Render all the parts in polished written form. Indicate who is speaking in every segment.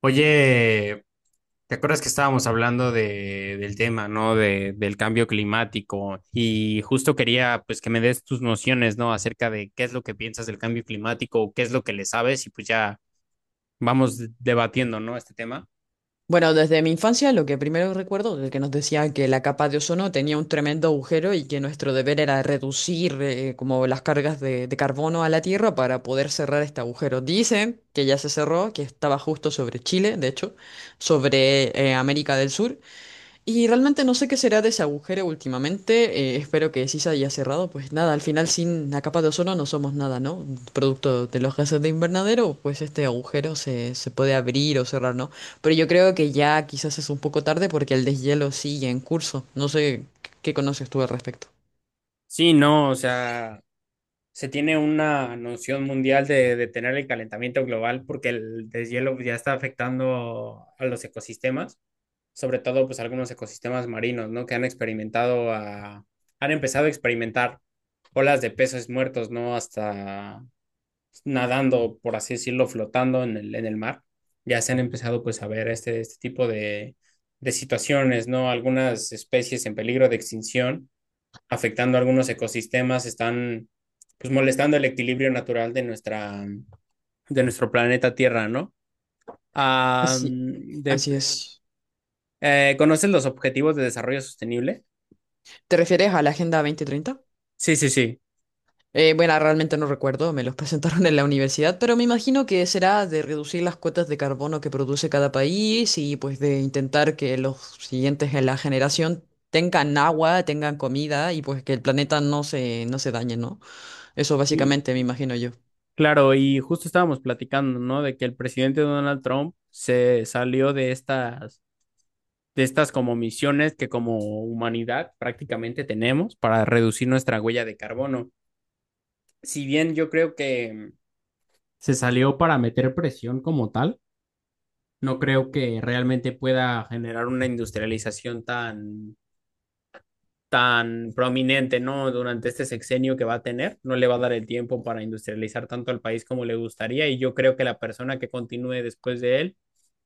Speaker 1: Oye, ¿te acuerdas que estábamos hablando del tema, ¿no? Del cambio climático, y justo quería, pues, que me des tus nociones, ¿no? Acerca de qué es lo que piensas del cambio climático, o qué es lo que le sabes, y pues ya vamos debatiendo, ¿no?, este tema.
Speaker 2: Bueno, desde mi infancia lo que primero recuerdo es que nos decían que la capa de ozono tenía un tremendo agujero y que nuestro deber era reducir como las cargas de carbono a la Tierra para poder cerrar este agujero. Dicen que ya se cerró, que estaba justo sobre Chile, de hecho, sobre América del Sur. Y realmente no sé qué será de ese agujero últimamente. Espero que sí se haya cerrado. Pues nada, al final sin la capa de ozono no somos nada, ¿no? Producto de los gases de invernadero, pues este agujero se puede abrir o cerrar, ¿no? Pero yo creo que ya quizás es un poco tarde porque el deshielo sigue en curso. No sé qué conoces tú al respecto.
Speaker 1: Sí, no, o sea, se tiene una noción mundial de detener el calentamiento global porque el deshielo ya está afectando a los ecosistemas. Sobre todo pues algunos ecosistemas marinos, ¿no? Que han han empezado a experimentar olas de peces muertos, ¿no? Hasta nadando, por así decirlo, flotando en el mar. Ya se han empezado pues a ver este tipo de situaciones, ¿no? Algunas especies en peligro de extinción, afectando a algunos ecosistemas, están pues molestando el equilibrio natural de de nuestro planeta Tierra, ¿no? Ah,
Speaker 2: Así,
Speaker 1: de,
Speaker 2: así es.
Speaker 1: ¿Conoces los objetivos de desarrollo sostenible?
Speaker 2: ¿Te refieres a la Agenda 2030?
Speaker 1: Sí, sí, sí.
Speaker 2: Bueno, realmente no recuerdo, me los presentaron en la universidad, pero me imagino que será de reducir las cuotas de carbono que produce cada país y pues de intentar que los siguientes en la generación tengan agua, tengan comida y pues que el planeta no se dañe, ¿no? Eso
Speaker 1: L-
Speaker 2: básicamente me imagino yo.
Speaker 1: Claro, y justo estábamos platicando, ¿no?, de que el presidente Donald Trump se salió de estas como misiones que como humanidad prácticamente tenemos para reducir nuestra huella de carbono. Si bien yo creo que se salió para meter presión como tal, no creo que realmente pueda generar una industrialización tan prominente, ¿no? Durante este sexenio que va a tener, no le va a dar el tiempo para industrializar tanto al país como le gustaría, y yo creo que la persona que continúe después de él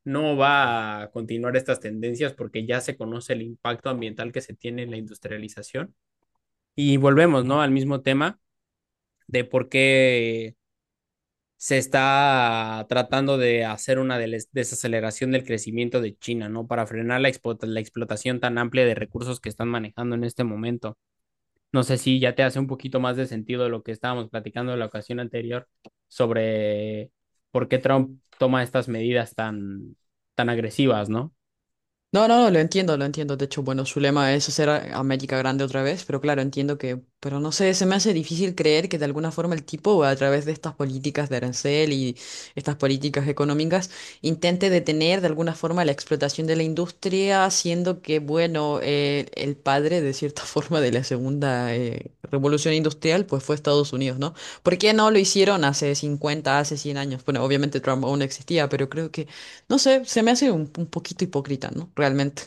Speaker 1: no va a continuar estas tendencias, porque ya se conoce el impacto ambiental que se tiene en la industrialización. Y volvemos, ¿no?, al mismo tema de por qué se está tratando de hacer una desaceleración del crecimiento de China, ¿no? Para frenar la explotación tan amplia de recursos que están manejando en este momento. No sé si ya te hace un poquito más de sentido lo que estábamos platicando en la ocasión anterior sobre por qué Trump toma estas medidas tan agresivas, ¿no?
Speaker 2: No, no, no, lo entiendo, lo entiendo. De hecho, bueno, su lema es hacer a América grande otra vez, pero claro, entiendo que, pero no sé, se me hace difícil creer que de alguna forma el tipo, a través de estas políticas de arancel y estas políticas económicas, intente detener de alguna forma la explotación de la industria, haciendo que, bueno, el padre, de cierta forma, de la segunda revolución industrial, pues fue Estados Unidos, ¿no? ¿Por qué no lo hicieron hace 50, hace 100 años? Bueno, obviamente Trump aún no existía, pero creo no sé, se me hace un poquito hipócrita, ¿no? Realmente.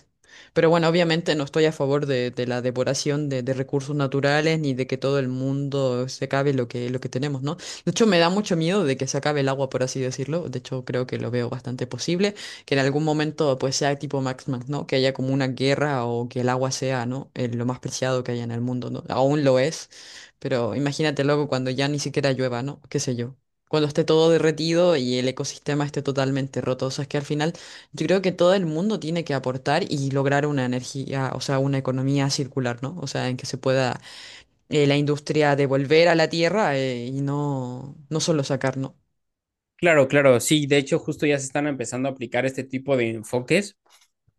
Speaker 2: Pero bueno, obviamente no estoy a favor de la devoración de recursos naturales ni de que todo el mundo se acabe lo que tenemos, ¿no? De hecho, me da mucho miedo de que se acabe el agua, por así decirlo. De hecho, creo que lo veo bastante posible, que en algún momento pues sea tipo Max Max, ¿no? Que haya como una guerra o que el agua sea, ¿no? Lo más preciado que haya en el mundo, ¿no? Aún lo es, pero imagínate luego cuando ya ni siquiera llueva, ¿no? ¿Qué sé yo? Cuando esté todo derretido y el ecosistema esté totalmente roto. O sea, es que al final yo creo que todo el mundo tiene que aportar y lograr una energía, o sea, una economía circular, ¿no? O sea, en que se pueda la industria devolver a la tierra y no, no solo sacar, ¿no?
Speaker 1: Claro, claro, sí, de hecho justo ya se están empezando a aplicar este tipo de enfoques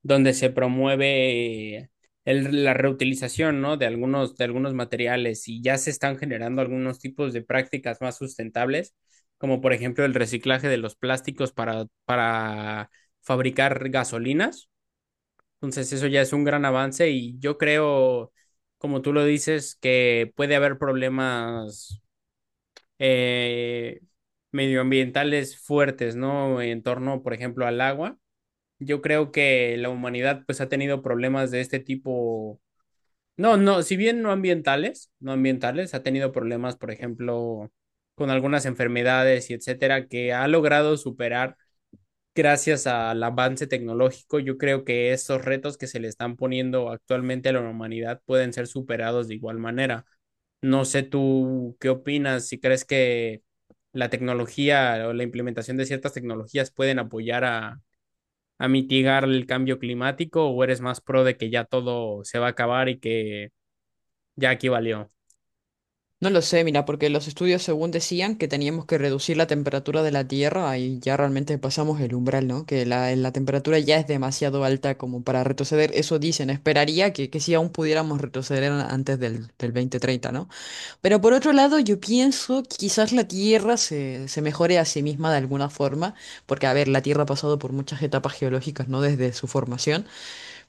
Speaker 1: donde se promueve la reutilización, ¿no?, de de algunos materiales, y ya se están generando algunos tipos de prácticas más sustentables, como por ejemplo el reciclaje de los plásticos para fabricar gasolinas. Entonces eso ya es un gran avance, y yo creo, como tú lo dices, que puede haber problemas eh, medioambientales fuertes, ¿no? En torno, por ejemplo, al agua. Yo creo que la humanidad pues ha tenido problemas de este tipo. No, si bien no ambientales, ha tenido problemas, por ejemplo, con algunas enfermedades y etcétera, que ha logrado superar gracias al avance tecnológico. Yo creo que esos retos que se le están poniendo actualmente a la humanidad pueden ser superados de igual manera. No sé tú qué opinas, si crees que la tecnología o la implementación de ciertas tecnologías pueden apoyar a mitigar el cambio climático, o eres más pro de que ya todo se va a acabar y que ya aquí valió.
Speaker 2: No lo sé, mira, porque los estudios según decían que teníamos que reducir la temperatura de la Tierra y ya realmente pasamos el umbral, ¿no? Que la temperatura ya es demasiado alta como para retroceder. Eso dicen, esperaría que sí aún pudiéramos retroceder antes del 2030, ¿no? Pero por otro lado, yo pienso que quizás la Tierra se mejore a sí misma de alguna forma, porque, a ver, la Tierra ha pasado por muchas etapas geológicas, ¿no? Desde su formación.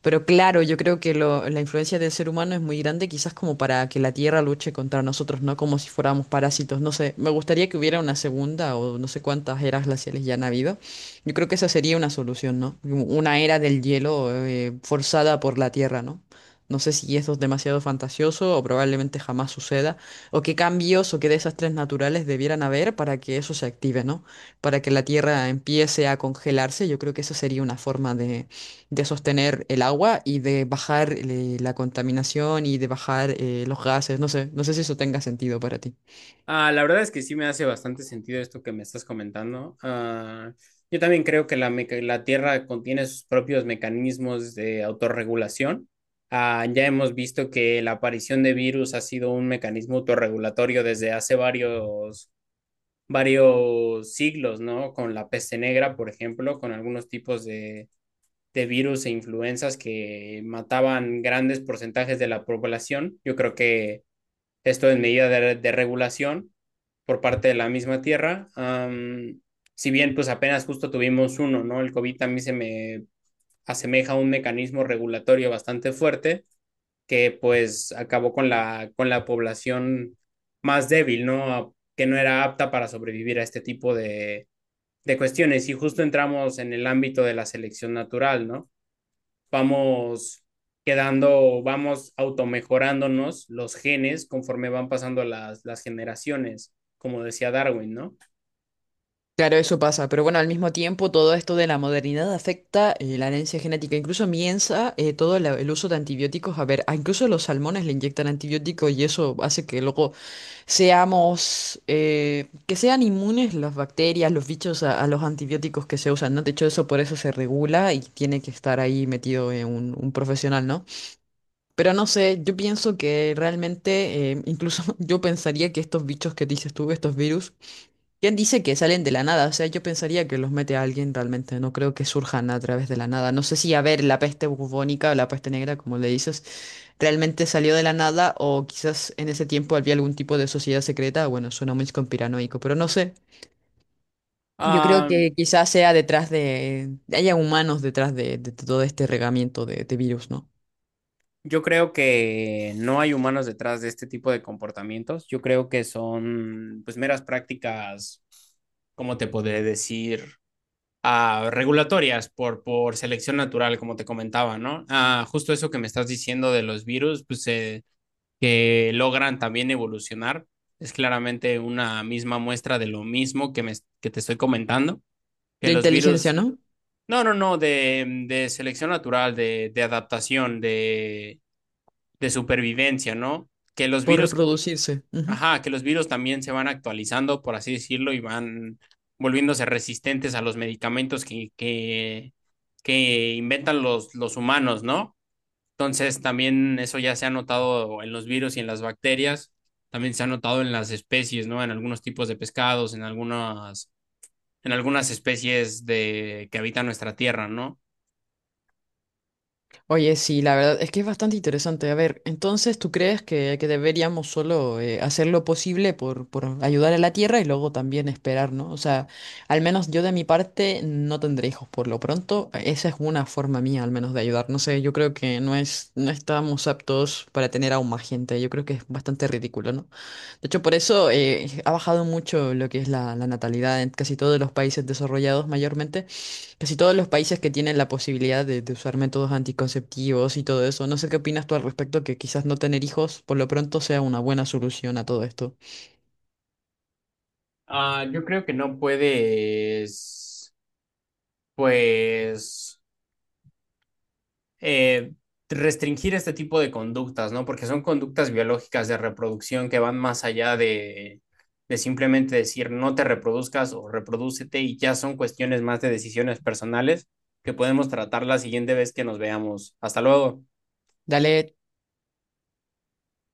Speaker 2: Pero claro, yo creo que la influencia del ser humano es muy grande, quizás como para que la Tierra luche contra nosotros, ¿no? Como si fuéramos parásitos. No sé, me gustaría que hubiera una segunda o no sé cuántas eras glaciales ya han habido. Yo creo que esa sería una solución, ¿no? Una era del hielo forzada por la Tierra, ¿no? No sé si eso es demasiado fantasioso o probablemente jamás suceda, o qué cambios o qué desastres naturales debieran haber para que eso se active, ¿no? Para que la Tierra empiece a congelarse, yo creo que eso sería una forma de sostener el agua y de bajar la contaminación y de bajar los gases. No sé, no sé si eso tenga sentido para ti.
Speaker 1: La verdad es que sí me hace bastante sentido esto que me estás comentando. Yo también creo que la Tierra contiene sus propios mecanismos de autorregulación. Ya hemos visto que la aparición de virus ha sido un mecanismo autorregulatorio desde hace varios siglos, ¿no? Con la peste negra, por ejemplo, con algunos tipos de virus e influencias que mataban grandes porcentajes de la población. Yo creo que esto en medida de regulación por parte de la misma tierra. Si bien pues apenas justo tuvimos uno, ¿no? El COVID también se me asemeja a un mecanismo regulatorio bastante fuerte, que pues acabó con la población más débil, ¿no? Que no era apta para sobrevivir a este tipo de cuestiones. Y justo entramos en el ámbito de la selección natural, ¿no? Vamos quedando, vamos automejorándonos los genes conforme van pasando las generaciones, como decía Darwin, ¿no?
Speaker 2: Claro, eso pasa, pero bueno, al mismo tiempo todo esto de la modernidad afecta la herencia genética. Incluso miensa todo el uso de antibióticos. A ver, a incluso los salmones le inyectan antibióticos y eso hace que luego seamos, que sean inmunes las bacterias, los bichos a los antibióticos que se usan, ¿no? De hecho, eso por eso se regula y tiene que estar ahí metido un profesional, ¿no? Pero no sé, yo pienso que realmente, incluso yo pensaría que estos bichos que dices tú, estos virus, ¿quién dice que salen de la nada? O sea, yo pensaría que los mete a alguien realmente, no creo que surjan a través de la nada. No sé si, a ver, la peste bubónica o la peste negra, como le dices, realmente salió de la nada o quizás en ese tiempo había algún tipo de sociedad secreta. Bueno, suena muy conspiranoico, pero no sé. Yo creo
Speaker 1: Ah,
Speaker 2: que quizás sea detrás de, haya humanos detrás de todo este regamiento de virus, ¿no?
Speaker 1: yo creo que no hay humanos detrás de este tipo de comportamientos. Yo creo que son pues meras prácticas, ¿cómo te podré decir? Regulatorias por selección natural, como te comentaba, ¿no? Ah, justo eso que me estás diciendo de los virus, pues que logran también evolucionar. Es claramente una misma muestra de lo mismo que te estoy comentando, que
Speaker 2: De
Speaker 1: los
Speaker 2: inteligencia,
Speaker 1: virus,
Speaker 2: ¿no?
Speaker 1: no, no, no, de selección natural, de adaptación, de supervivencia, ¿no? Que los
Speaker 2: Por
Speaker 1: virus,
Speaker 2: reproducirse. Ujú.
Speaker 1: ajá, que los virus también se van actualizando, por así decirlo, y van volviéndose resistentes a los medicamentos que inventan los humanos, ¿no? Entonces, también eso ya se ha notado en los virus y en las bacterias, también se ha notado en las especies, ¿no? En algunos tipos de pescados, en en algunas especies de, que habitan nuestra tierra, ¿no?
Speaker 2: Oye, sí, la verdad es que es bastante interesante. A ver, entonces, ¿tú crees que deberíamos solo hacer lo posible por ayudar a la Tierra y luego también esperar, ¿no? O sea, al menos yo de mi parte no tendré hijos por lo pronto. Esa es una forma mía al menos de ayudar. No sé, yo creo que no es, no estamos aptos para tener aún más gente. Yo creo que es bastante ridículo, ¿no? De hecho, por eso ha bajado mucho lo que es la natalidad en casi todos los países desarrollados mayormente. Casi todos los países que tienen la posibilidad de usar métodos anticonceptivos y todo eso, no sé qué opinas tú al respecto, que quizás no tener hijos por lo pronto sea una buena solución a todo esto.
Speaker 1: Yo creo que no puedes, pues, eh, restringir este tipo de conductas, ¿no? Porque son conductas biológicas de reproducción que van más allá de simplemente decir no te reproduzcas o reprodúcete, y ya son cuestiones más de decisiones personales que podemos tratar la siguiente vez que nos veamos. Hasta luego.
Speaker 2: Dale